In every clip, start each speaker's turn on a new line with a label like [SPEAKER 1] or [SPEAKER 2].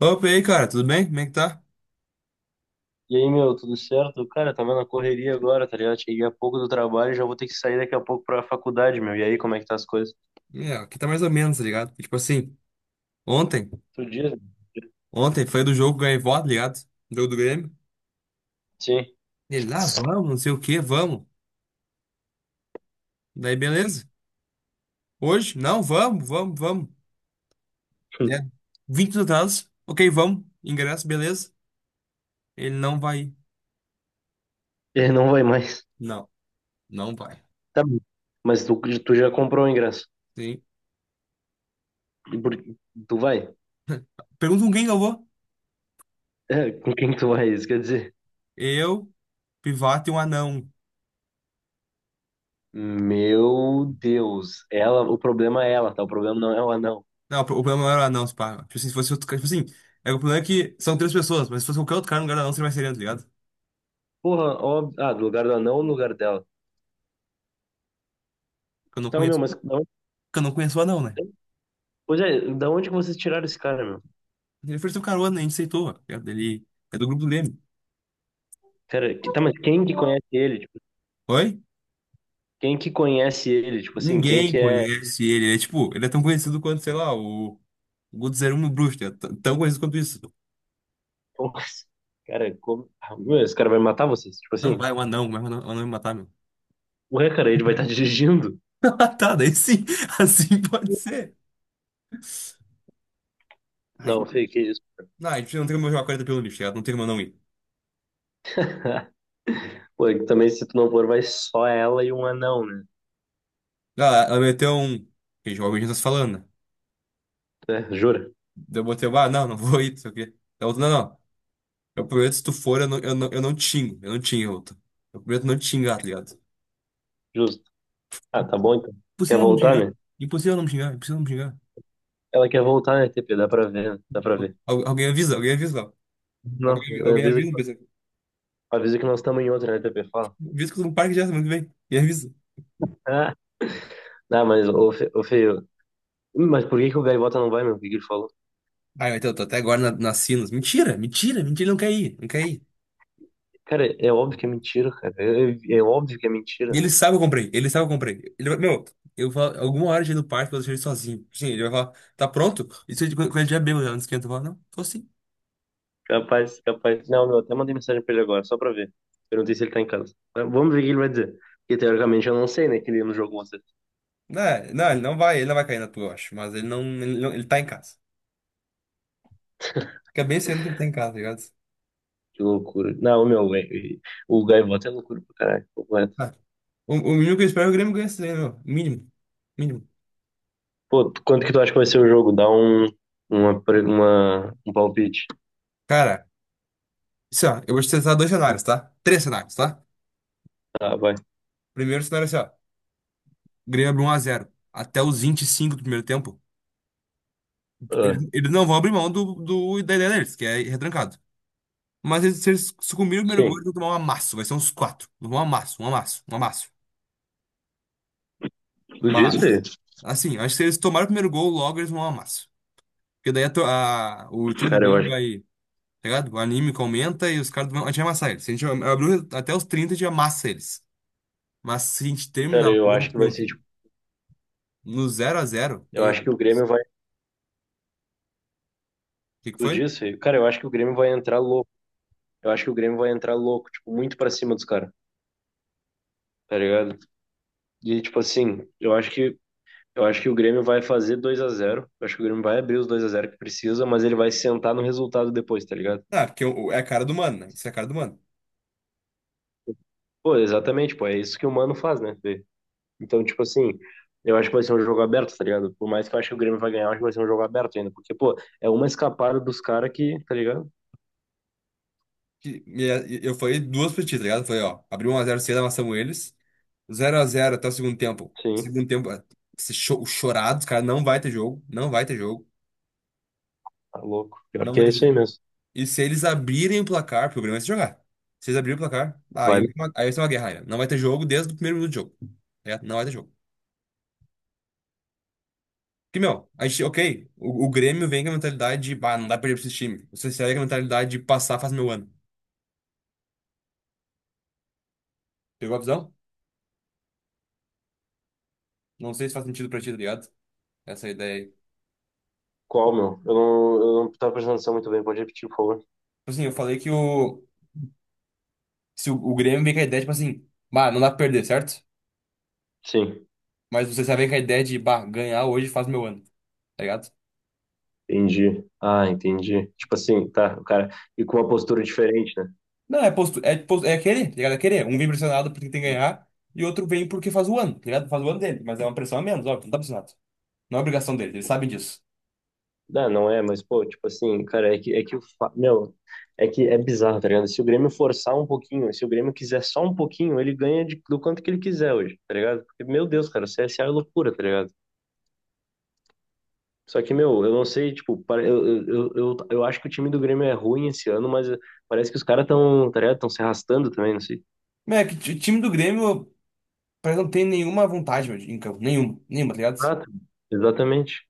[SPEAKER 1] Opa, e aí, cara, tudo bem? Como é que tá?
[SPEAKER 2] E aí, meu, tudo certo? Cara, tá vendo a correria agora, tá ligado? Cheguei há pouco do trabalho, e já vou ter que sair daqui a pouco pra faculdade, meu. E aí, como é que tá as coisas?
[SPEAKER 1] É, aqui tá mais ou menos, tá ligado? E, tipo assim, ontem,
[SPEAKER 2] Tu diz?
[SPEAKER 1] ontem foi do jogo ganhei voto, tá ligado? Jogo do Grêmio.
[SPEAKER 2] Sim.
[SPEAKER 1] E ele, lá, vamos, não sei o que vamos. Daí, beleza. Hoje? Não, vamos, vamos, vamos. Né? 20 minutos atrás, ok, vamos. Ingresso, beleza. Ele não vai ir.
[SPEAKER 2] Ele não vai mais.
[SPEAKER 1] Não, não vai.
[SPEAKER 2] Tá bom. Mas tu já comprou o ingresso.
[SPEAKER 1] Sim.
[SPEAKER 2] E por- Tu vai?
[SPEAKER 1] Pergunta com quem que eu vou?
[SPEAKER 2] É, com quem que tu vai? Isso quer dizer?
[SPEAKER 1] Eu, Pivato e um anão.
[SPEAKER 2] Meu Deus. Ela, o problema é ela, tá? O problema não é o anão.
[SPEAKER 1] Não, o problema não era o anão, se pá. Tipo assim, se fosse outro cara, tipo assim, é, o problema é que são três pessoas, mas se fosse qualquer outro cara no lugar do anão, seria mais sereno, tá ligado?
[SPEAKER 2] Porra, óbvio. Ah, do lugar do anão ou no lugar dela.
[SPEAKER 1] Que eu não
[SPEAKER 2] Então, meu,
[SPEAKER 1] conheço.
[SPEAKER 2] mas da onde,
[SPEAKER 1] Que eu não conheço o anão, né?
[SPEAKER 2] pois é, da onde que vocês tiraram esse cara, meu?
[SPEAKER 1] Ele ofereceu carona, a gente aceitou, tá ligado? Ele é do grupo do Leme.
[SPEAKER 2] Cara, tá, mas quem que conhece ele?
[SPEAKER 1] Oi?
[SPEAKER 2] Quem que conhece ele? Tipo assim, quem
[SPEAKER 1] Ninguém
[SPEAKER 2] que é.
[SPEAKER 1] conhece ele. Ele é tipo, ele é tão conhecido quanto, sei lá, o Guto 01 e o Bruxo, tá ligado? Tão conhecido quanto isso.
[SPEAKER 2] Ah, meu, esse cara vai matar vocês? Tipo
[SPEAKER 1] Não,
[SPEAKER 2] assim,
[SPEAKER 1] vai, o anão me matar, meu.
[SPEAKER 2] ué, cara, ele vai estar dirigindo?
[SPEAKER 1] Tá, daí sim, assim pode ser. Ai,
[SPEAKER 2] Não, Fê, que isso?
[SPEAKER 1] não, a gente não tem como jogar 40 pelo lixo, tá ligado? Não tem como eu não ir.
[SPEAKER 2] Pô, e também se tu não for, vai só ela e um anão, né?
[SPEAKER 1] Ah, ela meteu um. Que jovem a gente tá se falando, né?
[SPEAKER 2] É, jura?
[SPEAKER 1] Daí eu botei, ah, não, não vou ir, não sei o quê. Daí outra, não, não. Eu prometo, se tu for, eu não tingo. Eu não tingo, outra. Eu prometo não te xingar, tá ligado?
[SPEAKER 2] Justo. Ah, tá bom então. Quer
[SPEAKER 1] Impossível não me
[SPEAKER 2] voltar,
[SPEAKER 1] xingar.
[SPEAKER 2] né?
[SPEAKER 1] Impossível não me xingar. Impossível não me xingar.
[SPEAKER 2] Ela quer voltar, né, TP? Dá pra ver, né? Dá pra ver.
[SPEAKER 1] Alguém avisa, ó.
[SPEAKER 2] Não,
[SPEAKER 1] Alguém
[SPEAKER 2] avisa que,
[SPEAKER 1] avisa, pessoal.
[SPEAKER 2] avisa que nós estamos em outra, né, TP? Fala.
[SPEAKER 1] Avisa que eu tô no parque já semana que vem. E avisa.
[SPEAKER 2] Ah, não, mas, ô, Fê, mas por que que o Gaivota não vai, meu? O que que ele falou?
[SPEAKER 1] Ai, mas eu tô até agora nas Sinos. Mentira, mentira, mentira. Ele não quer ir, não quer ir.
[SPEAKER 2] Cara, é óbvio que é mentira, cara. É óbvio que é
[SPEAKER 1] E
[SPEAKER 2] mentira.
[SPEAKER 1] ele sabe que eu comprei, ele sabe que eu comprei. Ele vai, meu, eu falo, alguma hora já ir no parque, eu vou deixar ele sozinho. Sim, ele vai falar, tá pronto? Isso é quando ele já é já não esquenta. Eu falo, não, tô sim.
[SPEAKER 2] Capaz, capaz. Não, meu, até mandei mensagem pra ele agora, só pra ver. Perguntei se ele tá em casa. Mas vamos ver o que ele vai dizer. Porque teoricamente eu não sei, né, que ele não jogou você.
[SPEAKER 1] Não, não, ele não vai cair na tua, eu acho. Mas ele não, ele, não, ele tá em casa. Fica bem sendo que ele tá em casa, tá ligado?
[SPEAKER 2] Que loucura. Não, meu, o Gaivota é loucura pra caralho. Completo.
[SPEAKER 1] Ah, o mínimo que eu espero é que o Grêmio ganhe esse daí, meu. Mínimo. Mínimo.
[SPEAKER 2] Pô, quanto que tu acha que vai ser o jogo? Dá um palpite.
[SPEAKER 1] Cara, assim, ó, eu vou te tentar dois cenários, tá? Três cenários, tá?
[SPEAKER 2] Tá, vai.
[SPEAKER 1] Primeiro cenário é assim, ó. O Grêmio abre 1x0. Até os 25 do primeiro tempo,
[SPEAKER 2] Ah,
[SPEAKER 1] eles não vão abrir mão da ideia deles, que é ir retrancado. Mas eles, se eles sucumbirem no primeiro gol,
[SPEAKER 2] sim.
[SPEAKER 1] eles vão tomar um amasso. Vai ser uns quatro. Um amasso, um amasso, um amasso.
[SPEAKER 2] Tu
[SPEAKER 1] Mas,
[SPEAKER 2] disse?
[SPEAKER 1] assim, eu acho que se eles tomarem o primeiro gol, logo eles vão um amasso. Porque daí o time do
[SPEAKER 2] Cara, eu
[SPEAKER 1] Grêmio
[SPEAKER 2] acho,
[SPEAKER 1] vai, tá ligado? O anímico aumenta e os caras vão. A gente vai amassar eles. Se a gente abrir até os 30 a gente amassa eles. Mas se a gente terminar o
[SPEAKER 2] eu acho que vai
[SPEAKER 1] primeiro
[SPEAKER 2] ser,
[SPEAKER 1] tempo
[SPEAKER 2] tipo,
[SPEAKER 1] no zero a zero.
[SPEAKER 2] eu
[SPEAKER 1] E
[SPEAKER 2] acho
[SPEAKER 1] o
[SPEAKER 2] que o Grêmio vai.
[SPEAKER 1] que que
[SPEAKER 2] Tu
[SPEAKER 1] foi?
[SPEAKER 2] disse? Cara, eu acho que o Grêmio vai entrar louco. Eu acho que o Grêmio vai entrar louco, tipo, muito pra cima dos caras, tá ligado? E, tipo assim, eu acho que o Grêmio vai fazer 2-0. Eu acho que o Grêmio vai abrir os 2-0 que precisa, mas ele vai sentar no resultado depois, tá ligado?
[SPEAKER 1] Ah, é a cara do mano, né? Isso é a cara do mano.
[SPEAKER 2] Pô, exatamente, pô, é isso que o Mano faz, né? Fê? Então, tipo assim, eu acho que vai ser um jogo aberto, tá ligado? Por mais que eu acho que o Grêmio vai ganhar, eu acho que vai ser um jogo aberto ainda, porque, pô, é uma escapada dos caras que, tá ligado?
[SPEAKER 1] Eu falei duas pra ti, tá ligado? Eu falei, ó, abriu 1x0 cedo, amassamos eles. Zero a zero até o segundo tempo.
[SPEAKER 2] Sim,
[SPEAKER 1] Segundo tempo, é, esse chorado, os caras não vai ter jogo. Não vai ter jogo.
[SPEAKER 2] tá louco. Pior
[SPEAKER 1] Não
[SPEAKER 2] que
[SPEAKER 1] vai
[SPEAKER 2] é
[SPEAKER 1] ter
[SPEAKER 2] isso aí
[SPEAKER 1] jogo.
[SPEAKER 2] mesmo.
[SPEAKER 1] E se eles abrirem o placar, porque o Grêmio vai se jogar. Se eles abrirem o placar, aí,
[SPEAKER 2] Vai.
[SPEAKER 1] aí vai ser uma guerra, né? Não vai ter jogo desde o primeiro minuto de jogo, tá ligado? Não vai ter jogo. Porque, meu, a gente, ok, o Grêmio vem com a mentalidade de, ah, não dá pra perder pra esse time. O CSE vem com a mentalidade de passar faz meu ano. Pegou a visão? Não sei se faz sentido pra ti, tá ligado? Essa ideia aí. Tipo
[SPEAKER 2] Qual, meu? Eu não tava prestando atenção muito bem, pode repetir, por favor.
[SPEAKER 1] assim, eu falei que o. Se o Grêmio vem com a ideia, tipo assim, bah, não dá pra perder, certo?
[SPEAKER 2] Sim,
[SPEAKER 1] Mas você já vem com a ideia de, bah, ganhar hoje faz meu ano, tá ligado?
[SPEAKER 2] entendi. Ah, entendi. Tipo assim, tá, o cara, e com uma postura diferente, né?
[SPEAKER 1] Não, é aquele, tá ligado? É aquele. Um vem pressionado porque tem que ganhar e outro vem porque faz o ano, tá ligado? Faz o ano dele, mas é uma pressão a menos, óbvio, não tá pressionado. Não é obrigação dele, eles sabem disso.
[SPEAKER 2] Não, não é, mas, pô, tipo assim, cara, é que meu, é que é bizarro, tá ligado? Se o Grêmio forçar um pouquinho, se o Grêmio quiser só um pouquinho, ele ganha do quanto que ele quiser hoje, tá ligado? Porque, meu Deus, cara, o C S A é loucura, tá ligado? Só que, meu, eu não sei, tipo, eu acho que o time do Grêmio é ruim esse ano, mas parece que os caras estão, tá ligado? Estão se arrastando também, não sei.
[SPEAKER 1] Mas é que o time do Grêmio parece que não tem nenhuma vontade, meu, em campo. Nenhuma, nenhuma, tá ligado?
[SPEAKER 2] Ah, exatamente.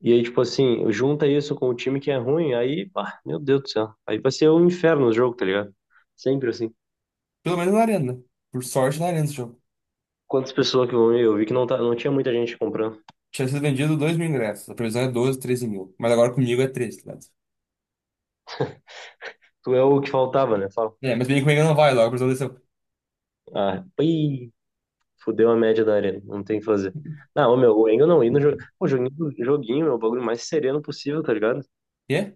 [SPEAKER 2] E aí, tipo assim, junta isso com o time que é ruim, aí, pá, meu Deus do céu. Aí vai ser um inferno o jogo, tá ligado? Sempre assim.
[SPEAKER 1] Pelo menos na arena, né? Por sorte na arena esse jogo.
[SPEAKER 2] Quantas pessoas que vão ver? Eu vi que não, tá, não tinha muita gente comprando.
[SPEAKER 1] Tinha sido vendido 2 mil ingressos. A previsão é 12, 13 mil. Mas agora comigo é treze, tá ligado?
[SPEAKER 2] Tu é o que faltava, né? Fala.
[SPEAKER 1] É, mas bem comigo não vai logo. A previsão desceu.
[SPEAKER 2] Ah, ui, fudeu a média da arena. Não tem o que fazer. Não, ô, meu, o Engel não ir no jogo. O joguinho, joguinho, meu, o bagulho mais sereno possível, tá ligado?
[SPEAKER 1] Quê?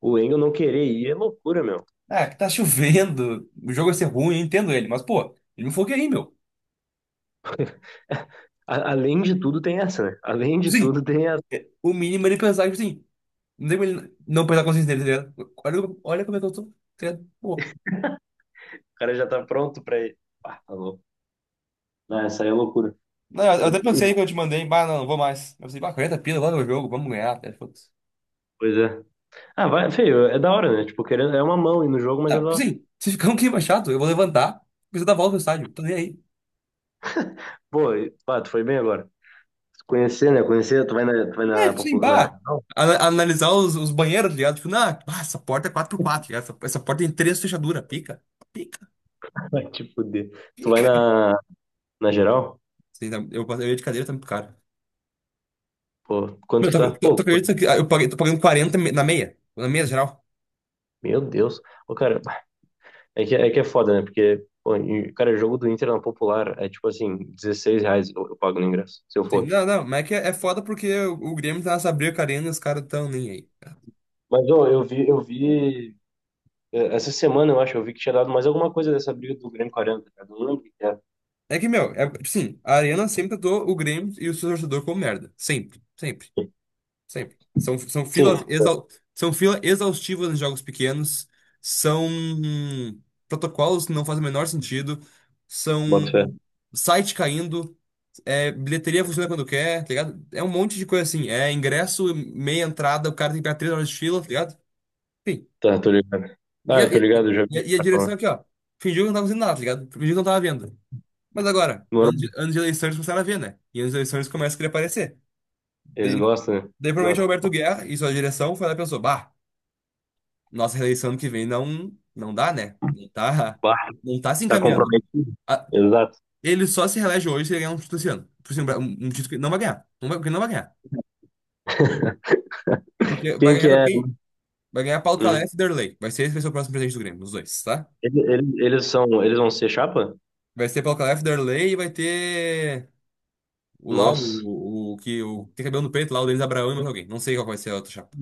[SPEAKER 2] O Engel não querer ir é loucura, meu.
[SPEAKER 1] Ah, que tá chovendo. O jogo vai ser ruim, eu entendo ele. Mas, pô, ele me falou aí, meu.
[SPEAKER 2] Além de tudo, tem essa, né? Além de
[SPEAKER 1] Sim,
[SPEAKER 2] tudo, tem essa.
[SPEAKER 1] o mínimo é ele pensar, tipo assim. Não tem como ele não pensar a consciência dele, tá ligado? Olha, olha como é que eu tô, tá ligado? Pô.
[SPEAKER 2] O cara já tá pronto pra ir. Ah, tá louco. Ah, essa aí é loucura.
[SPEAKER 1] Não, eu
[SPEAKER 2] O-
[SPEAKER 1] até
[SPEAKER 2] o-
[SPEAKER 1] pensei que eu te mandei. Bah, não, não vou mais. Eu pensei, bah, 40 pila, logo no jogo, vamos ganhar, tá ligado? Foda-se.
[SPEAKER 2] Pois é. Ah, vai, feio, é da hora, né? Tipo, querendo, é uma mão ir no jogo, mas é
[SPEAKER 1] Não,
[SPEAKER 2] da
[SPEAKER 1] tipo
[SPEAKER 2] hora.
[SPEAKER 1] assim, se ficar um clima chato, eu vou levantar. Preciso dar volta no estádio. Tô nem aí.
[SPEAKER 2] Pô, pá, tu foi bem agora. Conhecer, né? Conhecer, tu vai na,
[SPEAKER 1] É, sim,
[SPEAKER 2] popular.
[SPEAKER 1] bah. Analisar os banheiros, tá ligado? Tipo, não, bah, essa porta é quatro por quatro, tá ligado? Essa porta tem três fechaduras. Pica, pica,
[SPEAKER 2] Vai te fuder. Tu vai
[SPEAKER 1] pica.
[SPEAKER 2] na, geral?
[SPEAKER 1] Sei lá, eu ia de cadeira, tá muito caro.
[SPEAKER 2] Pô, quanto
[SPEAKER 1] Meu,
[SPEAKER 2] que
[SPEAKER 1] tu,
[SPEAKER 2] tá?
[SPEAKER 1] tu, tu
[SPEAKER 2] Pô,
[SPEAKER 1] acredita que ah, eu paguei, tô pagando 40 na meia? Na meia geral?
[SPEAKER 2] meu Deus. Ô, cara, é que é foda, né? Porque, pô, e, cara, jogo do Inter na Popular é tipo assim, R$ 16 eu pago no ingresso, se eu
[SPEAKER 1] Sim,
[SPEAKER 2] for.
[SPEAKER 1] não, não, mas é que é foda porque o Grêmio tá nessa briga com a Arena e os caras tão nem aí.
[SPEAKER 2] Mas, ô, eu vi, essa semana eu acho, eu vi que tinha dado mais alguma coisa dessa briga do Grêmio 40, cara. Não lembro o que que era.
[SPEAKER 1] É que, meu, é, sim, a Arena sempre tratou o Grêmio e o seu torcedor como merda. Sempre, sempre. Sempre. São filas.
[SPEAKER 2] Sim,
[SPEAKER 1] Não. exau, São fila exaustivas em jogos pequenos, são protocolos que não fazem o menor sentido, são
[SPEAKER 2] bota fé.
[SPEAKER 1] site caindo, é, bilheteria funciona quando quer, tá ligado? É um monte de coisa assim. É ingresso, meia entrada, o cara tem que pegar 3 horas de fila, tá ligado? Enfim.
[SPEAKER 2] Tá, tô ligado.
[SPEAKER 1] E
[SPEAKER 2] Ah,
[SPEAKER 1] a,
[SPEAKER 2] eu
[SPEAKER 1] e,
[SPEAKER 2] tô
[SPEAKER 1] a,
[SPEAKER 2] ligado, eu já vi o
[SPEAKER 1] e a
[SPEAKER 2] cara
[SPEAKER 1] direção
[SPEAKER 2] falar.
[SPEAKER 1] aqui, ó. Fingiu que não tava fazendo nada, tá ligado? Fingiu que não tava vendo. Mas agora,
[SPEAKER 2] Normal.
[SPEAKER 1] anos de eleições começaram a ver, né? E anos de eleições começam a querer aparecer.
[SPEAKER 2] Eles
[SPEAKER 1] Daí,
[SPEAKER 2] gostam, né?
[SPEAKER 1] Daí provavelmente o
[SPEAKER 2] Gostam.
[SPEAKER 1] Roberto Guerra e sua direção foi lá e pensou, bah. Nossa reeleição ano que vem não, não dá, né? Não tá,
[SPEAKER 2] Bah,
[SPEAKER 1] não tá se
[SPEAKER 2] tá
[SPEAKER 1] encaminhando.
[SPEAKER 2] comprometido.
[SPEAKER 1] A-
[SPEAKER 2] Exato.
[SPEAKER 1] Ele só se reelege hoje se ele ganhar um título esse ano. Por exemplo, um um título que ele não vai ganhar. Não vai, porque ele não vai ganhar. Porque vai
[SPEAKER 2] Quem que
[SPEAKER 1] ganhar, sabe
[SPEAKER 2] é?
[SPEAKER 1] quem? Vai ganhar Paulo
[SPEAKER 2] Hum.
[SPEAKER 1] Calef e Derlei. Vai ser o próximo presidente do Grêmio, os dois, tá?
[SPEAKER 2] Eles vão ser chapa?
[SPEAKER 1] Vai ser Paulo Calef, Derlei e vai ter o lá,
[SPEAKER 2] Nossa.
[SPEAKER 1] o que que tem cabelo no peito lá, o Denis Abraão e mais alguém. Não sei qual vai ser a outra chapa.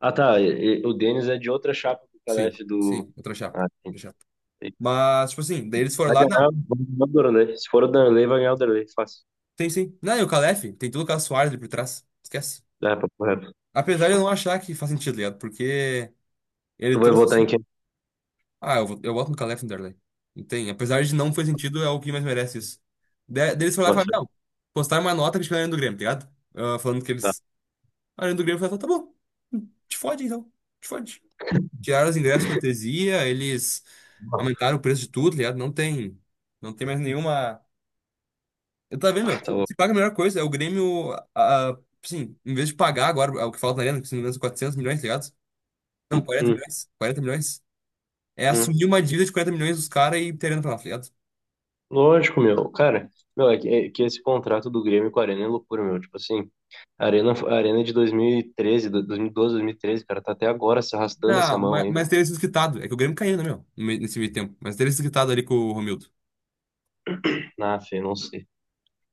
[SPEAKER 2] Ah, tá. O Denis é de outra chapa do
[SPEAKER 1] Sim,
[SPEAKER 2] Calef do.
[SPEAKER 1] sim, outra chapa.
[SPEAKER 2] Ah, sim.
[SPEAKER 1] Outra chapa. Mas, tipo assim, daí eles foram
[SPEAKER 2] Vai
[SPEAKER 1] lá, não.
[SPEAKER 2] ganhar, vai ganhar o Danley. Se for o Danley, vai ganhar o Danley. Fácil.
[SPEAKER 1] Tem sim. Não, e o Calef, tem tudo o Carlos Soares ali por trás. Esquece.
[SPEAKER 2] É, papo reto.
[SPEAKER 1] Apesar de eu não achar que faz sentido, tá ligado? Porque ele
[SPEAKER 2] Tu vai
[SPEAKER 1] trouxe
[SPEAKER 2] votar
[SPEAKER 1] esse-
[SPEAKER 2] em quem?
[SPEAKER 1] Ah, eu boto no Calé Vanderlei. Não tem. Apesar de não fazer sentido, é o que mais merece isso. Daí foram lá e
[SPEAKER 2] Bota
[SPEAKER 1] falaram:
[SPEAKER 2] fé.
[SPEAKER 1] não, postaram uma nota criticando a Arena do Grêmio, tá ligado? Ah, falando que
[SPEAKER 2] Tá.
[SPEAKER 1] eles. A Arena do Grêmio falou: tá bom, te fode então, te fode. Tiraram os ingressos cortesia, eles aumentaram o preço de tudo, tá ligado? Não tem. Não tem mais nenhuma. Eu tava vendo,
[SPEAKER 2] Ah,
[SPEAKER 1] meu,
[SPEAKER 2] tá
[SPEAKER 1] se
[SPEAKER 2] louco.
[SPEAKER 1] se paga a melhor coisa, é o Grêmio. Ah, sim, em vez de pagar agora é o que falta na Arena, que se não me engano são 400 milhões, tá ligado? Não, 40
[SPEAKER 2] Hum,
[SPEAKER 1] milhões. 40 milhões. É
[SPEAKER 2] hum.
[SPEAKER 1] assumir uma dívida de 40 milhões dos caras e terem pra lá, tá ligado?
[SPEAKER 2] Lógico, meu. Cara, meu, é que esse contrato do Grêmio com a Arena é loucura, meu. Tipo assim, a Arena é de 2013, 2012, 2013, cara, tá até agora se arrastando essa
[SPEAKER 1] Ah,
[SPEAKER 2] mão
[SPEAKER 1] mas,
[SPEAKER 2] aí, meu.
[SPEAKER 1] mas teria sido quitado. É que o Grêmio caiu, né, meu? No meio- Nesse meio tempo. Mas teria sido quitado ali com o Romildo.
[SPEAKER 2] Na fé, não sei.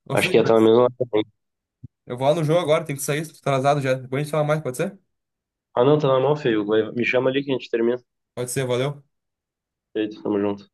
[SPEAKER 1] Ô, Fê,
[SPEAKER 2] Acho que ia estar na
[SPEAKER 1] mas
[SPEAKER 2] mesma.
[SPEAKER 1] eu vou lá no jogo agora, tem que sair, tô atrasado já. Depois a gente fala mais, pode ser?
[SPEAKER 2] Ah, não, tá na mão, feio. Me chama ali que a gente termina.
[SPEAKER 1] Pode ser, valeu.
[SPEAKER 2] Feito, tamo junto.